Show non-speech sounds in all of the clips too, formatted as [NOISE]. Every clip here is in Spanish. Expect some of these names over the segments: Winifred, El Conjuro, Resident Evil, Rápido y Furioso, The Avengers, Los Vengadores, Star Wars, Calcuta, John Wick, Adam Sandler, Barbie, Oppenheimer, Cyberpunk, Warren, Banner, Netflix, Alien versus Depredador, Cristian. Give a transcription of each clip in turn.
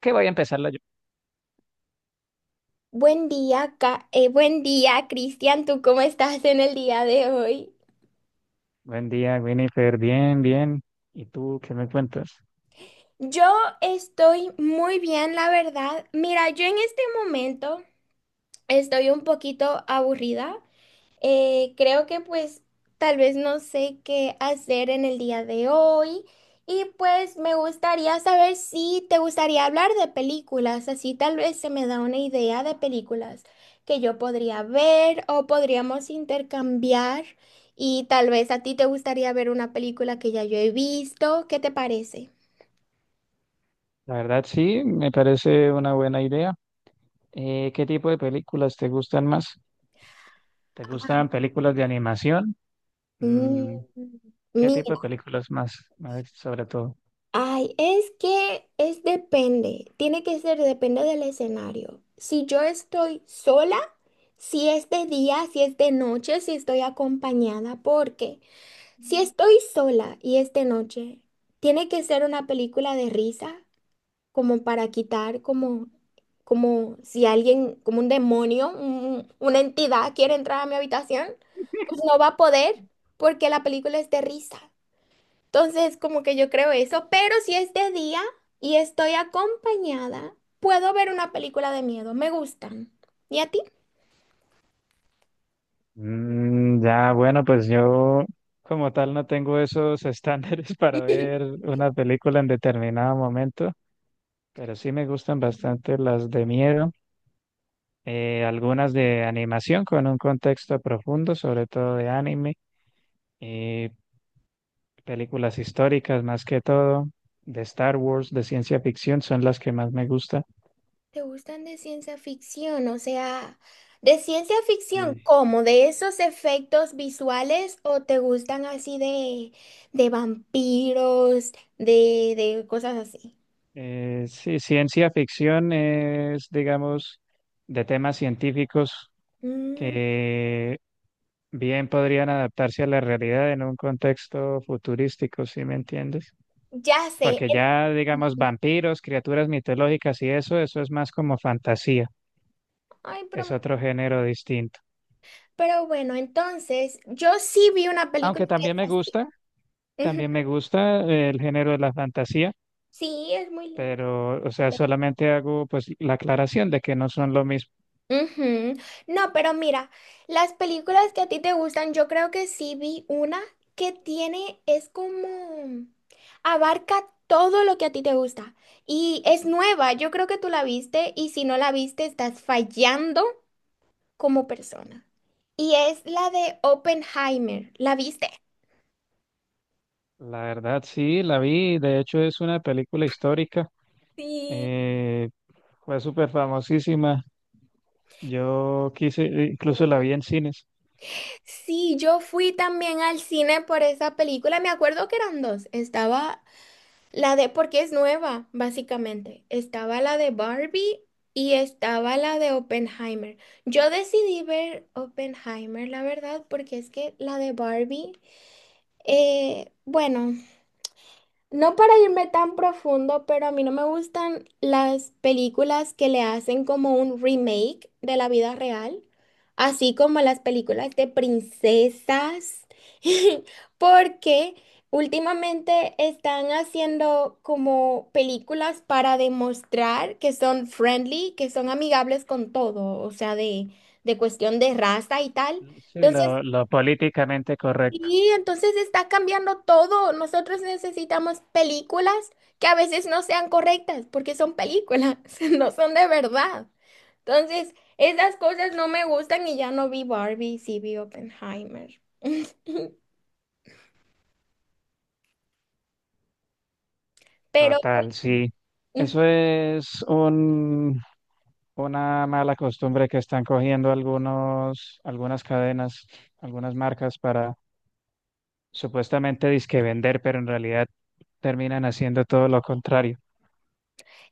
Que voy a empezarla yo. Buen día, buen día, Cristian. ¿Tú cómo estás en el día de hoy? Buen día, Winifred. Bien, bien. ¿Y tú qué me cuentas? Yo estoy muy bien, la verdad. Mira, yo en este momento estoy un poquito aburrida. Creo que tal vez no sé qué hacer en el día de hoy, y pues me gustaría saber si te gustaría hablar de películas, así tal vez se me da una idea de películas que yo podría ver o podríamos intercambiar, y tal vez a ti te gustaría ver una película que ya yo he visto. ¿Qué te parece? La verdad, sí, me parece una buena idea. ¿Qué tipo de películas te gustan más? ¿Te Ay. gustan películas de animación? Mm, ¿qué Mm. tipo de películas más sobre todo? Ay, es que es depende, tiene que ser depende del escenario. Si yo estoy sola, si es de día, si es de noche, si estoy acompañada, porque si estoy sola y es de noche, tiene que ser una película de risa, como para quitar, como, como si alguien, como un demonio, una entidad quiere entrar a mi habitación, pues no va a poder porque la película es de risa. Entonces, como que yo creo eso, pero si es de día y estoy acompañada, puedo ver una película de miedo, me gustan. ¿Y a ti? Mm, ya, bueno, pues yo como tal no tengo esos estándares [LAUGHS] para ver una película en determinado momento, pero sí me gustan bastante las de miedo. Algunas de animación con un contexto profundo, sobre todo de anime, eh, películas históricas más que todo, de Star Wars, de ciencia ficción, son las que más me gusta. ¿Te gustan de ciencia ficción? O sea, de ciencia ficción, Sí. ¿cómo? ¿De esos efectos visuales o te gustan así de vampiros, de cosas así? Sí, ciencia ficción es, digamos, de temas científicos Mm, que bien podrían adaptarse a la realidad en un contexto futurístico, ¿sí me entiendes? ya sé. Porque ya, digamos, vampiros, criaturas mitológicas y eso es más como fantasía. Ay, Es otro género distinto. pero bueno, entonces, yo sí vi una película Aunque que es así. también Ujú. me gusta el género de la fantasía, Sí, es muy linda. pero, o sea, solamente hago pues la aclaración de que no son lo mismo. Ujú. No, pero mira, las películas que a ti te gustan, yo creo que sí vi una que tiene, es como, abarca todo lo que a ti te gusta y es nueva, yo creo que tú la viste, y si no la viste estás fallando como persona. Y es la de Oppenheimer, ¿la viste? La verdad, sí, la vi. De hecho, es una película histórica. Sí. eh, Fue súper famosísima. Yo quise, incluso la vi en cines. Sí, yo fui también al cine por esa película, me acuerdo que eran dos, estaba la de, porque es nueva, básicamente. Estaba la de Barbie y estaba la de Oppenheimer. Yo decidí ver Oppenheimer, la verdad, porque es que la de Barbie, bueno. No para irme tan profundo, pero a mí no me gustan las películas que le hacen como un remake de la vida real, así como las películas de princesas, [LAUGHS] porque últimamente están haciendo como películas para demostrar que son friendly, que son amigables con todo, o sea, de cuestión de raza y tal. Sí, Entonces, lo políticamente correcto. entonces, está cambiando todo. Nosotros necesitamos películas que a veces no sean correctas porque son películas, [LAUGHS] no son de verdad. Entonces, esas cosas no me gustan y ya no vi Barbie, sí vi Oppenheimer. [LAUGHS] Pero, Total, sí. Eso es un, una mala costumbre que están cogiendo algunos, algunas cadenas, algunas marcas para supuestamente disque vender, pero en realidad terminan haciendo todo lo contrario.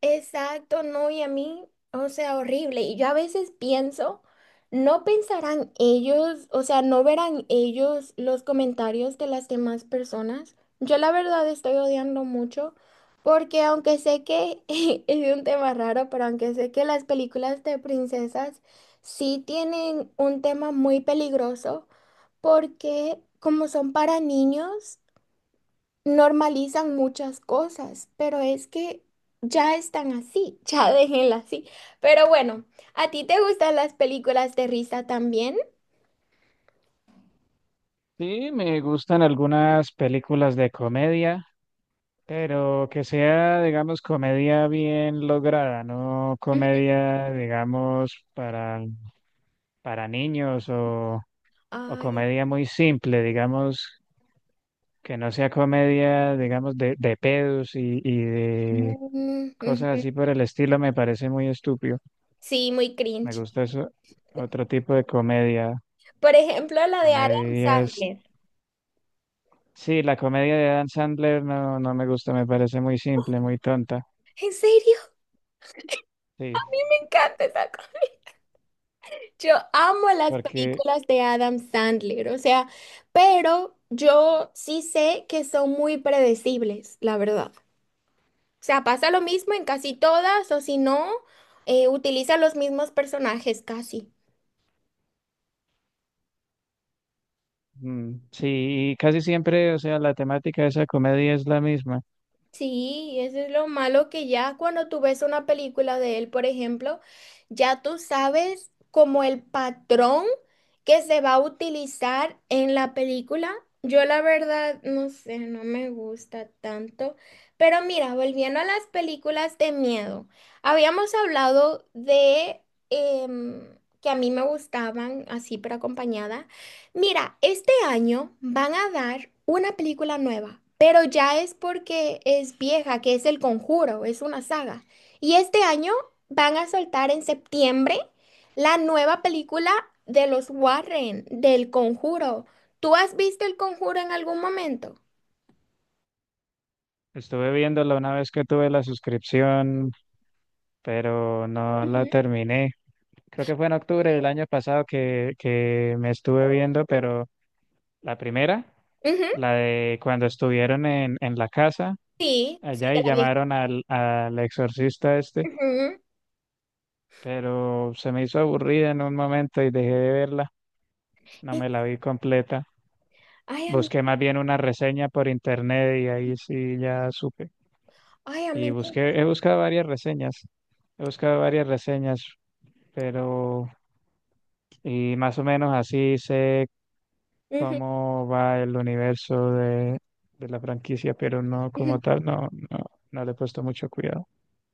exacto, no, y a mí, o sea, horrible. Y yo a veces pienso, no pensarán ellos, o sea, no verán ellos los comentarios de las demás personas. Yo la verdad estoy odiando mucho porque aunque sé que [LAUGHS] es un tema raro, pero aunque sé que las películas de princesas sí tienen un tema muy peligroso porque como son para niños, normalizan muchas cosas, pero es que ya están así, [LAUGHS] ya déjenla así. Pero bueno, ¿a ti te gustan las películas de risa también? Sí, me gustan algunas películas de comedia, pero que sea, digamos, comedia bien lograda, no Ujú. comedia, digamos, para niños o Ay, comedia muy simple, digamos, que no sea comedia, digamos, de pedos y de cosas ujú. así por el estilo me parece muy estúpido. Sí, muy Me cringe. gusta eso, otro tipo de comedia. Por ejemplo, la de Adam Comedias. Sandler. Sí, la comedia de Adam Sandler no, no me gusta, me parece muy simple, muy tonta. ¿En serio? Sí, [LAUGHS] Me encanta esa cosa. Yo amo las porque películas de Adam Sandler, o sea, pero yo sí sé que son muy predecibles, la verdad. O sea, pasa lo mismo en casi todas, o si no, utiliza los mismos personajes casi. mm, sí, y casi siempre, o sea, la temática de esa comedia es la misma. Sí, eso es lo malo que ya cuando tú ves una película de él, por ejemplo, ya tú sabes como el patrón que se va a utilizar en la película. Yo la verdad, no sé, no me gusta tanto. Pero mira, volviendo a las películas de miedo, habíamos hablado de que a mí me gustaban así, pero acompañada. Mira, este año van a dar una película nueva, pero ya es porque es vieja, que es El Conjuro, es una saga. Y este año van a soltar en septiembre la nueva película de los Warren, del Conjuro. ¿Tú has visto El Conjuro en algún momento? Estuve viéndola una vez que tuve la suscripción, pero no la Ujú. terminé. Creo que fue en octubre del año pasado que me estuve viendo, pero la primera. Ujú, La de cuando estuvieron en la casa sí, sí, allá de y la vieja. llamaron al, al exorcista este, Ujú. pero se me hizo aburrida en un momento y dejé de verla, no Y- me la vi completa. Ay, a mí, Busqué más bien una reseña por internet y ahí sí ya supe. ay, a Y mí. busqué, he buscado varias reseñas, he buscado varias reseñas, pero y más o menos así sé Ujú. cómo va el universo de la franquicia, pero no como tal, no, no, no le he puesto mucho cuidado.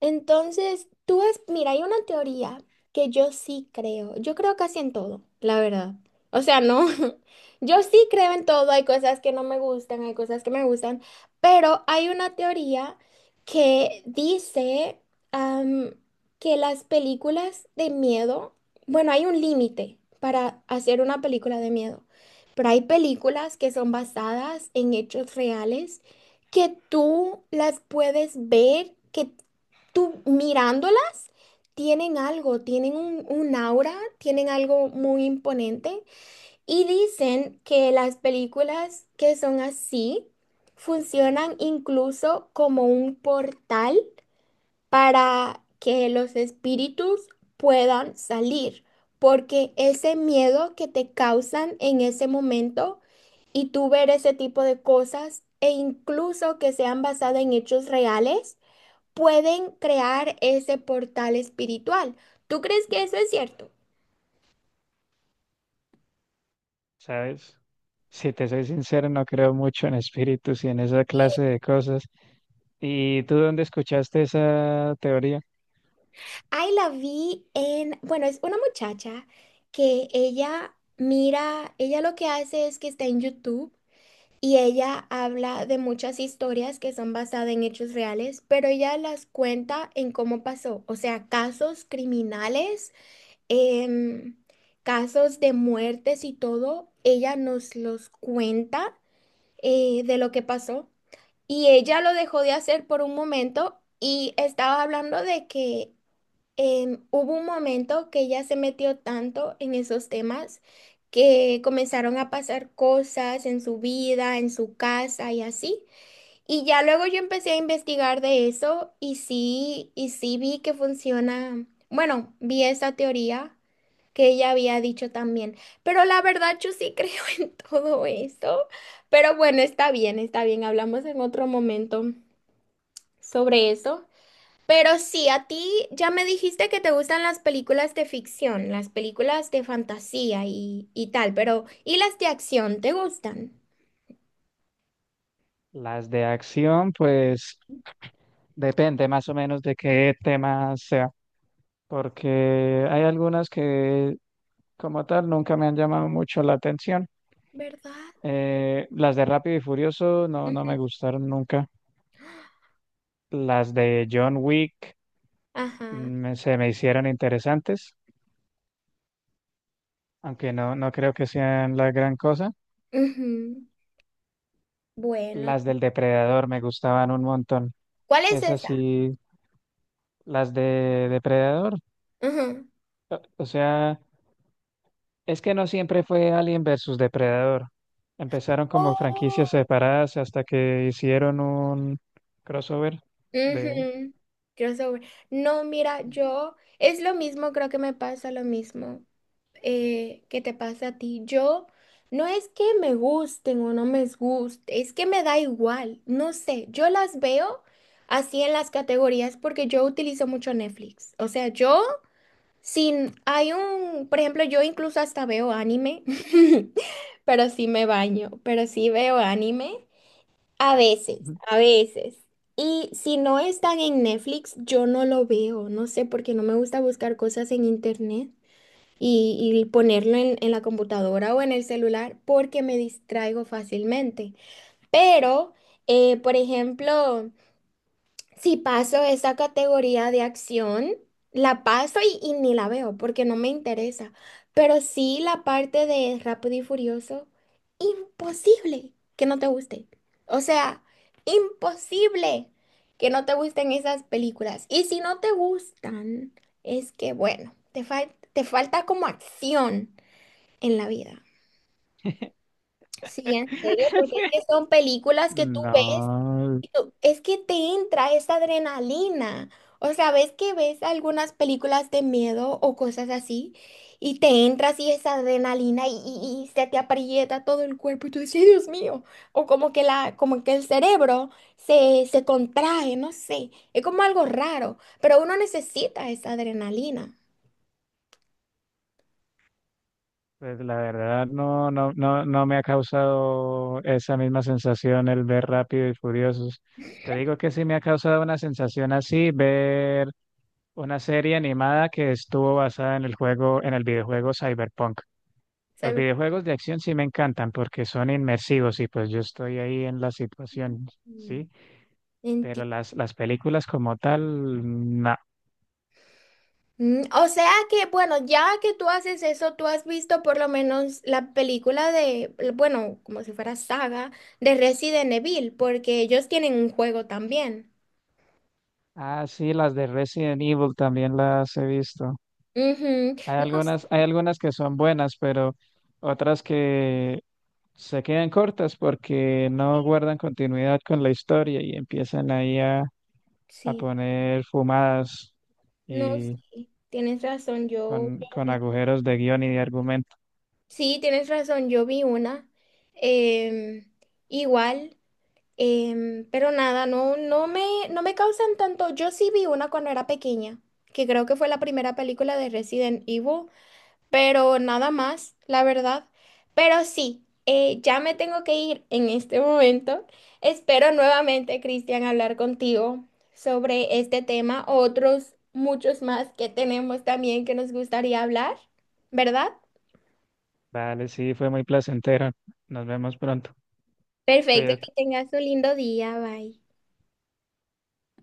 Entonces, tú es, mira, hay una teoría que yo sí creo. Yo creo casi en todo, la verdad. O sea, no, [LAUGHS] yo sí creo en todo. Hay cosas que no me gustan, hay cosas que me gustan, pero hay una teoría que dice am, que las películas de miedo, bueno, hay un límite para hacer una película de miedo, pero hay películas que son basadas en hechos reales que tú las puedes ver. Que tú mirándolas, tienen algo, tienen un aura, tienen algo muy imponente, y dicen que las películas que son así funcionan incluso como un portal para que los espíritus puedan salir, porque ese miedo que te causan en ese momento y tú ver ese tipo de cosas e incluso que sean basadas en hechos reales, pueden crear ese portal espiritual. ¿Tú crees que eso es cierto? ¿Sabes? Si te soy sincero, no creo mucho en espíritus y en esa clase de cosas. ¿Y tú dónde escuchaste esa teoría? Ahí la vi en, bueno, es una muchacha que ella mira, ella lo que hace es que está en YouTube y ella habla de muchas historias que son basadas en hechos reales, pero ella las cuenta en cómo pasó, o sea, casos criminales, em, casos de muertes y todo, ella nos los cuenta de lo que pasó. Y ella lo dejó de hacer por un momento y estaba hablando de que hubo un momento que ella se metió tanto en esos temas que comenzaron a pasar cosas en su vida, en su casa y así. Y ya luego yo empecé a investigar de eso y sí vi que funciona, bueno, vi esa teoría que ella había dicho también. Pero la verdad, yo sí creo [LAUGHS] en todo eso. Pero bueno, está bien, está bien. Hablamos en otro momento sobre eso. Pero sí, a ti ya me dijiste que te gustan las películas de ficción, las películas de fantasía y tal, pero ¿y las de acción te gustan? Las de acción, pues depende más o menos de qué tema sea, porque hay algunas que como tal nunca me han llamado mucho la atención. ¿Verdad? Las de Rápido y Furioso no, no Ujú. me gustaron nunca. Las de John Wick Ajá. Se me hicieron interesantes, aunque no, no creo que sean la gran cosa. Ujú. Bueno, Las del Depredador me gustaban un montón. ¿cuál es Esas esa? sí, las de Depredador. Ajá. O sea, es que no siempre fue Alien versus Depredador. Empezaron como franquicias separadas hasta que hicieron un crossover de... Ujú, crossover. No, mira, yo es lo mismo, creo que me pasa lo mismo que te pasa a ti. Yo no es que me gusten o no me guste, es que me da igual, no sé, yo las veo así en las categorías porque yo utilizo mucho Netflix. O sea, yo sin, hay un, por ejemplo, yo incluso hasta veo anime, [LAUGHS] pero sí me baño, pero sí veo anime. A veces, a veces. Y si no están en Netflix, yo no lo veo. No sé porque no me gusta buscar cosas en internet y ponerlo en la computadora o en el celular porque me distraigo fácilmente. Pero, por ejemplo, si paso esa categoría de acción, la paso y ni la veo porque no me interesa. Pero sí la parte de Rápido y Furioso, imposible que no te guste. O sea, imposible que no te gusten esas películas. Y si no te gustan, es que, bueno, te falta como acción en la vida. Sí, en serio, porque es que [LAUGHS] son películas que tú ves No, y tú, es que te entra esa adrenalina. O sea, ves que ves algunas películas de miedo o cosas así, y te entra así esa adrenalina y se te aprieta todo el cuerpo y tú dices, "Ay, Dios mío." O como que la, como que el cerebro se contrae, no sé. Es como algo raro, pero uno necesita esa adrenalina. pues la verdad no, no, no, no me ha causado esa misma sensación el ver Rápido y Furiosos. Te digo que sí me ha causado una sensación así ver una serie animada que estuvo basada en el juego, en el videojuego Cyberpunk. Los ¿Sabes? videojuegos de acción sí me encantan porque son inmersivos y pues yo estoy ahí en la situación, ¿sí? Mm. Pero las películas como tal, no. Mm, o sea que, bueno, ya que tú haces eso, tú has visto por lo menos la película de, bueno, como si fuera saga de Resident Evil, porque ellos tienen un juego también. Ah, sí, las de Resident Evil también las he visto. Ujú. No, Hay algunas que son buenas, pero otras que se quedan cortas porque no guardan continuidad con la historia y empiezan ahí a sí, poner fumadas no, y sí, tienes razón, yo con vi- agujeros de guión y de argumento. sí, tienes razón, yo vi una, em, igual, pero nada, no me, no me causan tanto, yo sí vi una cuando era pequeña, que creo que fue la primera película de Resident Evil, pero nada más, la verdad. Pero sí, ya me tengo que ir en este momento. Espero nuevamente, Cristian, hablar contigo sobre este tema, otros muchos más que tenemos también que nos gustaría hablar, ¿verdad? Vale, sí, fue muy placentero. Nos vemos pronto. Perfecto, Cuídate. que tengas un lindo día, bye.